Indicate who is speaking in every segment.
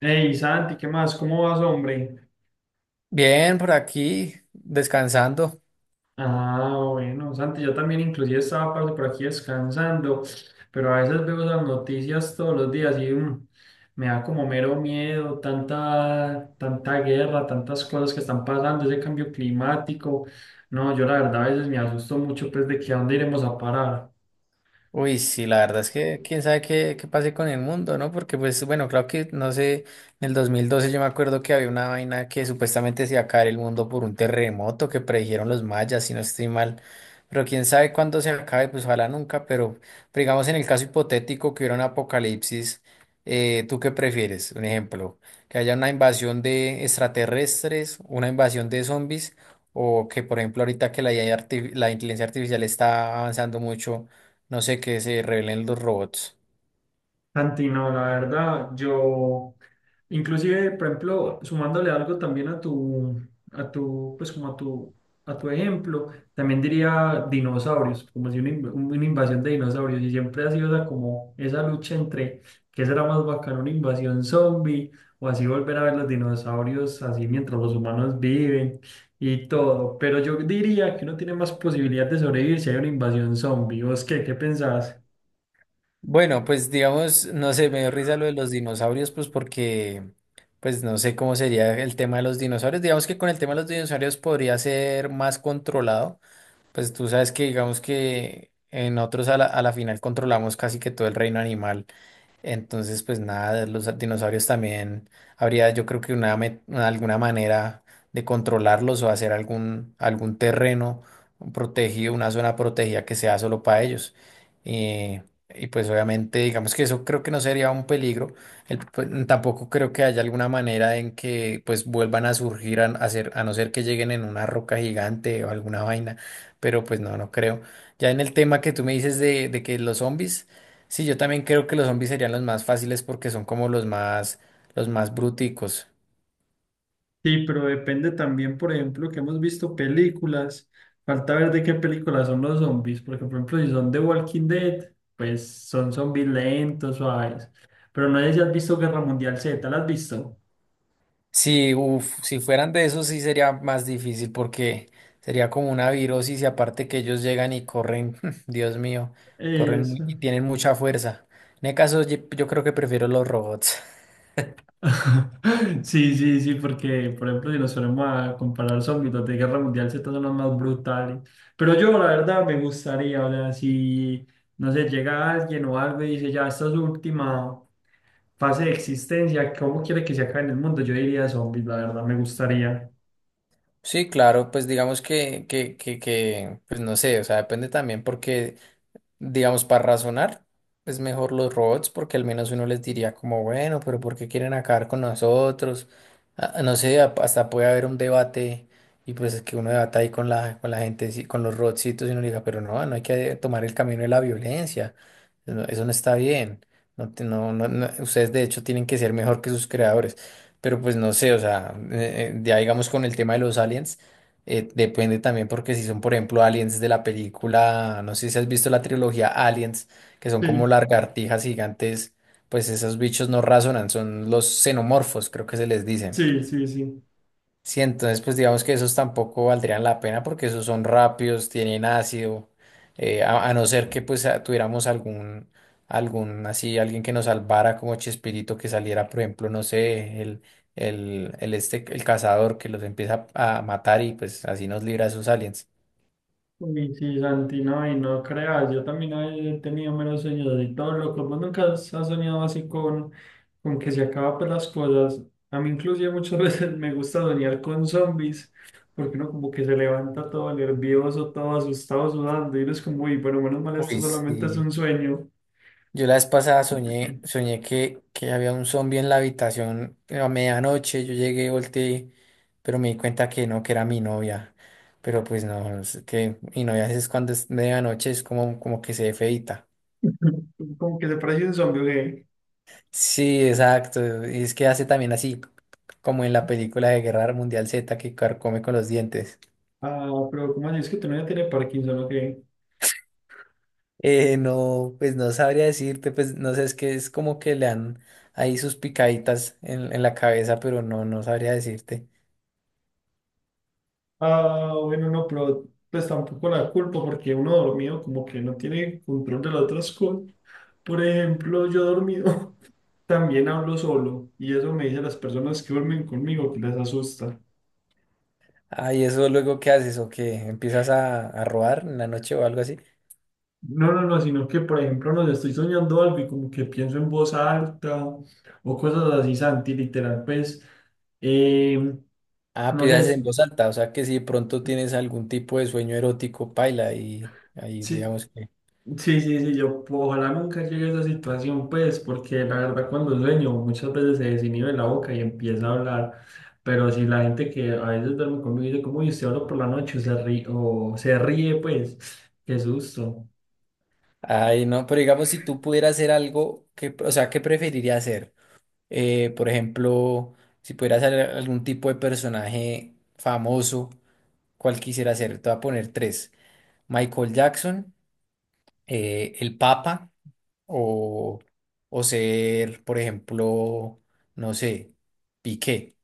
Speaker 1: Hey, Santi, ¿qué más? ¿Cómo vas, hombre?
Speaker 2: Bien, por aquí, descansando.
Speaker 1: Ah, bueno, Santi, yo también inclusive estaba parce, por aquí descansando, pero a veces veo las noticias todos los días y me da como mero miedo, tanta guerra, tantas cosas que están pasando, ese cambio climático. No, yo la verdad a veces me asusto mucho pues de que a dónde iremos a parar.
Speaker 2: Uy, sí, la verdad es que quién sabe qué, qué pase con el mundo, ¿no? Porque pues bueno, claro que no sé, en el 2012 yo me acuerdo que había una vaina que supuestamente se iba a caer el mundo por un terremoto que predijeron los mayas, si no estoy mal, pero quién sabe cuándo se acabe, pues ojalá nunca, pero digamos en el caso hipotético que hubiera un apocalipsis, ¿tú qué prefieres? Un ejemplo, que haya una invasión de extraterrestres, una invasión de zombies, o que por ejemplo ahorita que la la inteligencia artificial está avanzando mucho, no sé, qué se revelen los robots.
Speaker 1: Santi, no, la verdad, yo, inclusive, por ejemplo, sumándole algo también a tu, pues como a tu, a tu ejemplo, también diría dinosaurios, como si una, una invasión de dinosaurios, y siempre ha sido esa, como esa lucha entre qué será más bacano, una invasión zombie, o así volver a ver los dinosaurios así mientras los humanos viven y todo, pero yo diría que uno tiene más posibilidad de sobrevivir si hay una invasión zombie, ¿vos qué pensás?
Speaker 2: Bueno, pues digamos, no sé, me dio risa lo de los dinosaurios, pues no sé cómo sería el tema de los dinosaurios. Digamos que con el tema de los dinosaurios podría ser más controlado. Pues tú sabes que digamos que en otros a la final controlamos casi que todo el reino animal. Entonces, pues nada, los dinosaurios también habría, yo creo que alguna manera de controlarlos o hacer algún terreno protegido, una zona protegida que sea solo para ellos. Eh, y pues obviamente, digamos que eso creo que no sería un peligro. Pues, tampoco creo que haya alguna manera en que pues vuelvan a surgir a ser- a no ser que lleguen en una roca gigante o alguna vaina, pero pues no, no creo. Ya en el tema que tú me dices de que los zombies... Sí, yo también creo que los zombies serían los más fáciles porque son como los más bruticos.
Speaker 1: Sí, pero depende también, por ejemplo, que hemos visto películas, falta ver de qué películas son los zombies, porque por ejemplo, si son de Walking Dead, pues son zombies lentos, suaves, pero no sé si has visto Guerra Mundial Z, ¿la has visto?
Speaker 2: Si, uf, si fueran de esos sí sería más difícil porque sería como una virosis y aparte que ellos llegan y corren. Dios mío, y
Speaker 1: Eso.
Speaker 2: tienen mucha fuerza. En el caso yo creo que prefiero los robots.
Speaker 1: Sí, sí, sí, porque por ejemplo si nos ponemos a comparar zombies, los de Guerra Mundial Z son los más brutales. Pero yo la verdad me gustaría, o sea, si no sé, llega alguien o algo y dice ya esta es su última fase de existencia, ¿cómo quiere que se acabe en el mundo? Yo diría zombies, la verdad, me gustaría.
Speaker 2: Sí, claro, pues digamos que, pues no sé, o sea, depende también porque digamos, para razonar, es mejor los robots porque al menos uno les diría como, bueno, pero ¿por qué quieren acabar con nosotros? Ah, no sé, hasta puede haber un debate y pues es que uno debata ahí con la gente, sí, con los robotcitos, y uno le diga, pero no, no hay que tomar el camino de la violencia, no, eso no está bien, no, ustedes de hecho tienen que ser mejor que sus creadores. Pero pues no sé, o sea, ya digamos con el tema de los aliens. Depende también porque si son, por ejemplo, aliens de la película, no sé si has visto la trilogía Aliens, que son como
Speaker 1: Sí,
Speaker 2: lagartijas gigantes, pues esos bichos no razonan, son los xenomorfos, creo que se les dice.
Speaker 1: sí, sí, sí.
Speaker 2: Sí, entonces pues digamos que esos tampoco valdrían la pena porque esos son rápidos, tienen ácido, a no ser que pues tuviéramos algún así, alguien que nos salvara como Chespirito que saliera, por ejemplo, no sé, el este, el cazador que los empieza a matar y pues así nos libra de esos aliens.
Speaker 1: Uy, sí, Santi, no, y no creas, yo también he tenido menos sueños así todos locos. ¿Vos nunca has soñado así con que se acaban pues, las cosas? A mí inclusive muchas veces me gusta soñar con zombies, porque uno como que se levanta todo nervioso, todo asustado, sudando, y uno es como, uy, pero menos mal esto
Speaker 2: Uy,
Speaker 1: solamente es un
Speaker 2: sí.
Speaker 1: sueño.
Speaker 2: Yo la vez pasada soñé que había un zombie en la habitación a medianoche. Yo llegué, volteé, pero me di cuenta que no, que era mi novia. Pero pues no, es que mi novia es cuando es medianoche, es como, como que se ve feíta.
Speaker 1: Como que se parece un zombie, ¿o qué?
Speaker 2: Sí, exacto. Y es que hace también así, como en la película de Guerra Mundial Z, que carcome con los dientes.
Speaker 1: Ah, pero ¿cómo así? ¿Es que tú no ya tiene Parkinson, o qué?
Speaker 2: No, pues no sabría decirte, pues no sé, es que es como que le dan ahí sus picaditas en la cabeza, pero no, no sabría decirte.
Speaker 1: Ah, bueno, no, pero pues tampoco la culpa porque uno dormido como que no tiene control de las otras cosas. Por ejemplo, yo dormido también hablo solo y eso me dicen las personas que duermen conmigo que les asusta.
Speaker 2: Ah, ¿y eso luego qué haces? ¿O qué? ¿Empiezas a robar en la noche o algo así?
Speaker 1: No, no, no, sino que por ejemplo no sé, estoy soñando algo y como que pienso en voz alta o cosas así, Santi, literal, pues, eh,
Speaker 2: Ah,
Speaker 1: no
Speaker 2: pidas en
Speaker 1: sé,
Speaker 2: voz alta, o sea que si de pronto tienes algún tipo de sueño erótico, paila, y ahí
Speaker 1: sí,
Speaker 2: digamos que...
Speaker 1: sí, sí, sí, yo ojalá nunca llegue a esa situación, pues, porque la verdad cuando sueño muchas veces se desinhibe la boca y empieza a hablar, pero si la gente que a veces duerme conmigo dice, como, y usted habla por la noche o se ríe, pues, qué susto.
Speaker 2: Ay, no, pero digamos si tú pudieras hacer algo, que, o sea, ¿qué preferirías hacer? Por ejemplo, si pudieras hacer algún tipo de personaje famoso, ¿cuál quisiera ser? Te voy a poner tres. Michael Jackson, el Papa o, o ser, por ejemplo, no sé, Piqué.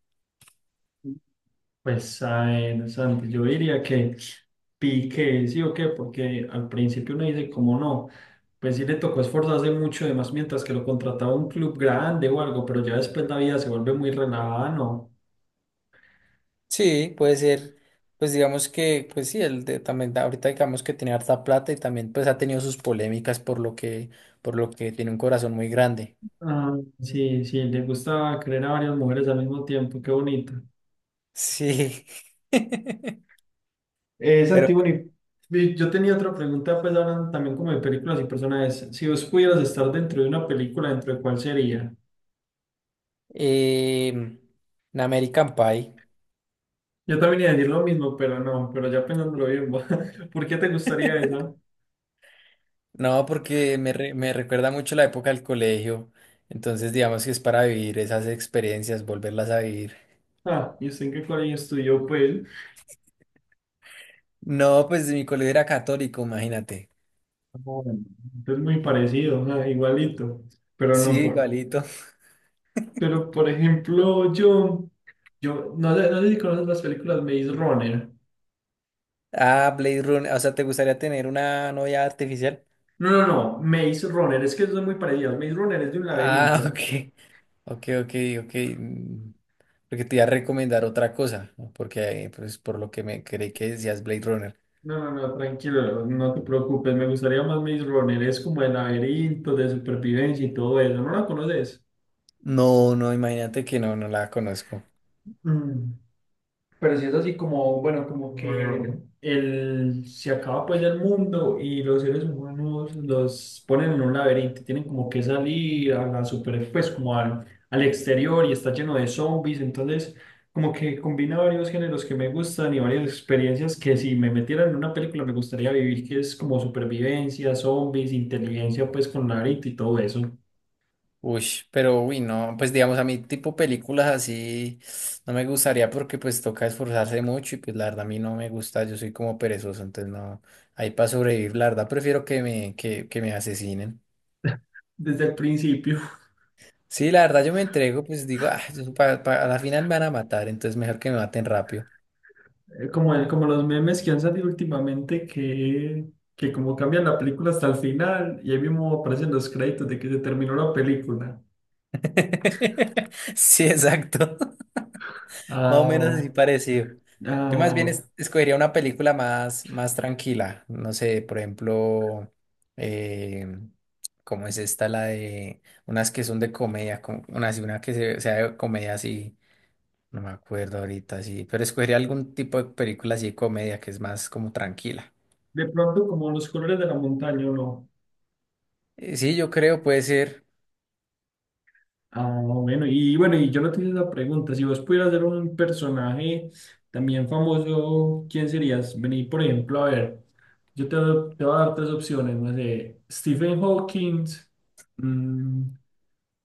Speaker 1: Pues, a ver, Santi, yo diría que pique, sí o qué, porque al principio uno dice, como no, pues sí le tocó esforzarse mucho, además mientras que lo contrataba un club grande o algo, pero ya después la vida se vuelve muy relajada, ¿no?
Speaker 2: Sí, puede ser, pues digamos que, pues sí, él de- también da- ahorita digamos que tiene harta plata y también pues ha tenido sus polémicas por lo que tiene un corazón muy grande.
Speaker 1: Ah, sí, sí, le gusta querer a varias mujeres al mismo tiempo, qué bonito.
Speaker 2: Sí. Pero
Speaker 1: Santiboni, yo tenía otra pregunta, pues hablando también como de películas y personajes. Si vos pudieras estar dentro de una película, ¿dentro de cuál sería?
Speaker 2: Em, un American Pie.
Speaker 1: Yo también iba a decir lo mismo, pero no, pero ya pensándolo bien, ¿por qué te gustaría esa?
Speaker 2: No, porque me recuerda mucho la época del colegio. Entonces, digamos que es para vivir esas experiencias, volverlas a vivir.
Speaker 1: Ah, ¿y usted en qué colegio estudió, pues?
Speaker 2: No, pues mi colegio era católico, imagínate.
Speaker 1: Ah, bueno, es muy parecido, ah, igualito, pero
Speaker 2: Sí,
Speaker 1: no, por,
Speaker 2: igualito.
Speaker 1: pero por ejemplo, yo, no sé, no sé si conoces las películas Maze Runner.
Speaker 2: Ah, Blade Runner. O sea, ¿te gustaría tener una novia artificial?
Speaker 1: No, no, no, Maze Runner, es que son muy parecidas. Maze Runner es de un
Speaker 2: Ah,
Speaker 1: laberinto.
Speaker 2: ok. Ok, ok, ok. mm, Porque te iba a recomendar otra cosa, ¿no? Porque pues, por lo que me creí que decías Blade Runner.
Speaker 1: No, no, no, tranquilo, no te preocupes, me gustaría más Maze Runner, es como de laberinto, de supervivencia y todo eso, ¿no la conoces?
Speaker 2: No, no, imagínate que no, no la conozco.
Speaker 1: Mm. Pero si es así como, bueno, como que se acaba pues el mundo y los seres humanos los ponen en un laberinto, tienen como que salir a la super, pues como al exterior y está lleno de zombies, entonces como que combina varios géneros que me gustan y varias experiencias que si me metieran en una película me gustaría vivir, que es como supervivencia, zombies, inteligencia pues con laberinto y todo eso
Speaker 2: Uy, uy, no, pues digamos a mí tipo películas así no me gustaría porque pues toca esforzarse mucho y pues la verdad a mí no me gusta, yo soy como perezoso, entonces no, ahí para sobrevivir, la verdad prefiero que me asesinen.
Speaker 1: desde el principio.
Speaker 2: Sí, la verdad yo me entrego, pues digo, ah, yo a la final me van a matar, entonces mejor que me maten rápido.
Speaker 1: Como, como los memes que han salido últimamente que como cambian la película hasta el final y ahí mismo aparecen los créditos de que se terminó la película.
Speaker 2: Sí, exacto. Más o
Speaker 1: Ah,
Speaker 2: menos así
Speaker 1: bueno.
Speaker 2: parecido. Yo
Speaker 1: Ah,
Speaker 2: más bien
Speaker 1: bueno.
Speaker 2: escogería una película más, más tranquila. No sé, por ejemplo, eh, ¿cómo es esta? La de unas que son de comedia, como una, así, una que sea de comedia así, no me acuerdo ahorita, sí, pero escogería algún tipo de película así de comedia que es más como tranquila.
Speaker 1: De pronto como los colores de la montaña, ¿o no?
Speaker 2: Sí, yo creo puede ser.
Speaker 1: Ah, bueno. Y bueno, y yo no te hice la pregunta. Si vos pudieras ser un personaje también famoso, ¿quién serías? Vení, por ejemplo, a ver, yo te, te voy a dar tres opciones, no sé, Stephen Hawking, mm,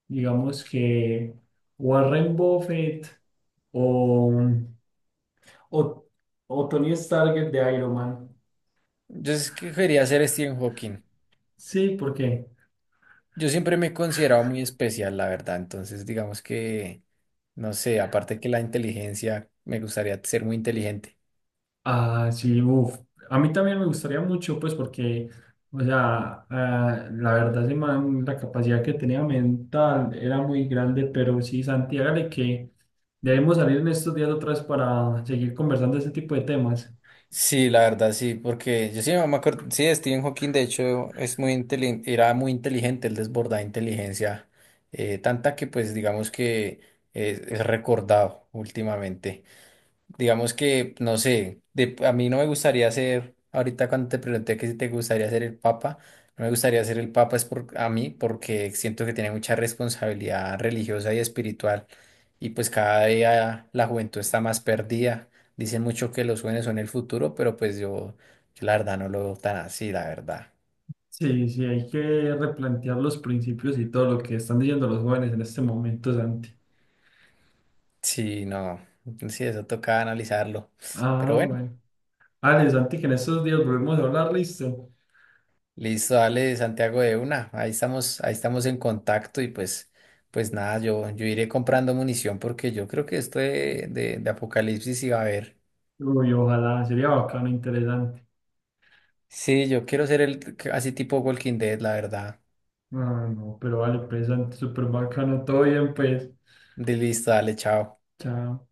Speaker 1: digamos que Warren Buffett o, o, o Tony Stark de Iron Man.
Speaker 2: Yo escogería ser Stephen Hawking.
Speaker 1: Sí, porque
Speaker 2: Yo siempre me he considerado muy especial, la verdad. Entonces, digamos que, no sé, aparte que la inteligencia, me gustaría ser muy inteligente.
Speaker 1: ah, sí, uf, a mí también me gustaría mucho, pues porque, o sea, ah, la verdad, ese man, la capacidad que tenía mental era muy grande, pero sí, Santi, hágale que debemos salir en estos días otra vez para seguir conversando de este tipo de temas.
Speaker 2: Sí, la verdad, sí, porque yo sí no me acuerdo, sí, Stephen Hawking, de hecho, es muy inteligente, era muy inteligente, él desbordaba inteligencia, tanta que, pues, digamos que es recordado últimamente. Digamos que, no sé, a mí no me gustaría ser, ahorita cuando te pregunté que si te gustaría ser el papa, no me gustaría ser el papa es a mí porque siento que tiene mucha responsabilidad religiosa y espiritual y pues cada día la juventud está más perdida. Dicen mucho que los jóvenes son el futuro, yo la verdad no lo veo tan así, la verdad.
Speaker 1: Sí, sí, hay que replantear los principios y todo lo que están diciendo los jóvenes en este momento, Santi.
Speaker 2: Sí, no, sí, eso toca analizarlo. Pero
Speaker 1: Ah,
Speaker 2: bueno.
Speaker 1: bueno. Ale, Santi, que en estos días volvemos a hablar, listo.
Speaker 2: Listo, dale, Santiago, de una. Ahí estamos en contacto y pues, pues nada, yo iré comprando munición porque yo creo que esto de Apocalipsis iba a haber.
Speaker 1: Uy, ojalá, sería bacano, interesante.
Speaker 2: Sí, yo quiero ser el así tipo Walking Dead, la verdad.
Speaker 1: Ah, no, pero vale, pues, Santi, súper bacano, todo bien, pues.
Speaker 2: De listo, dale, chao.
Speaker 1: Chao.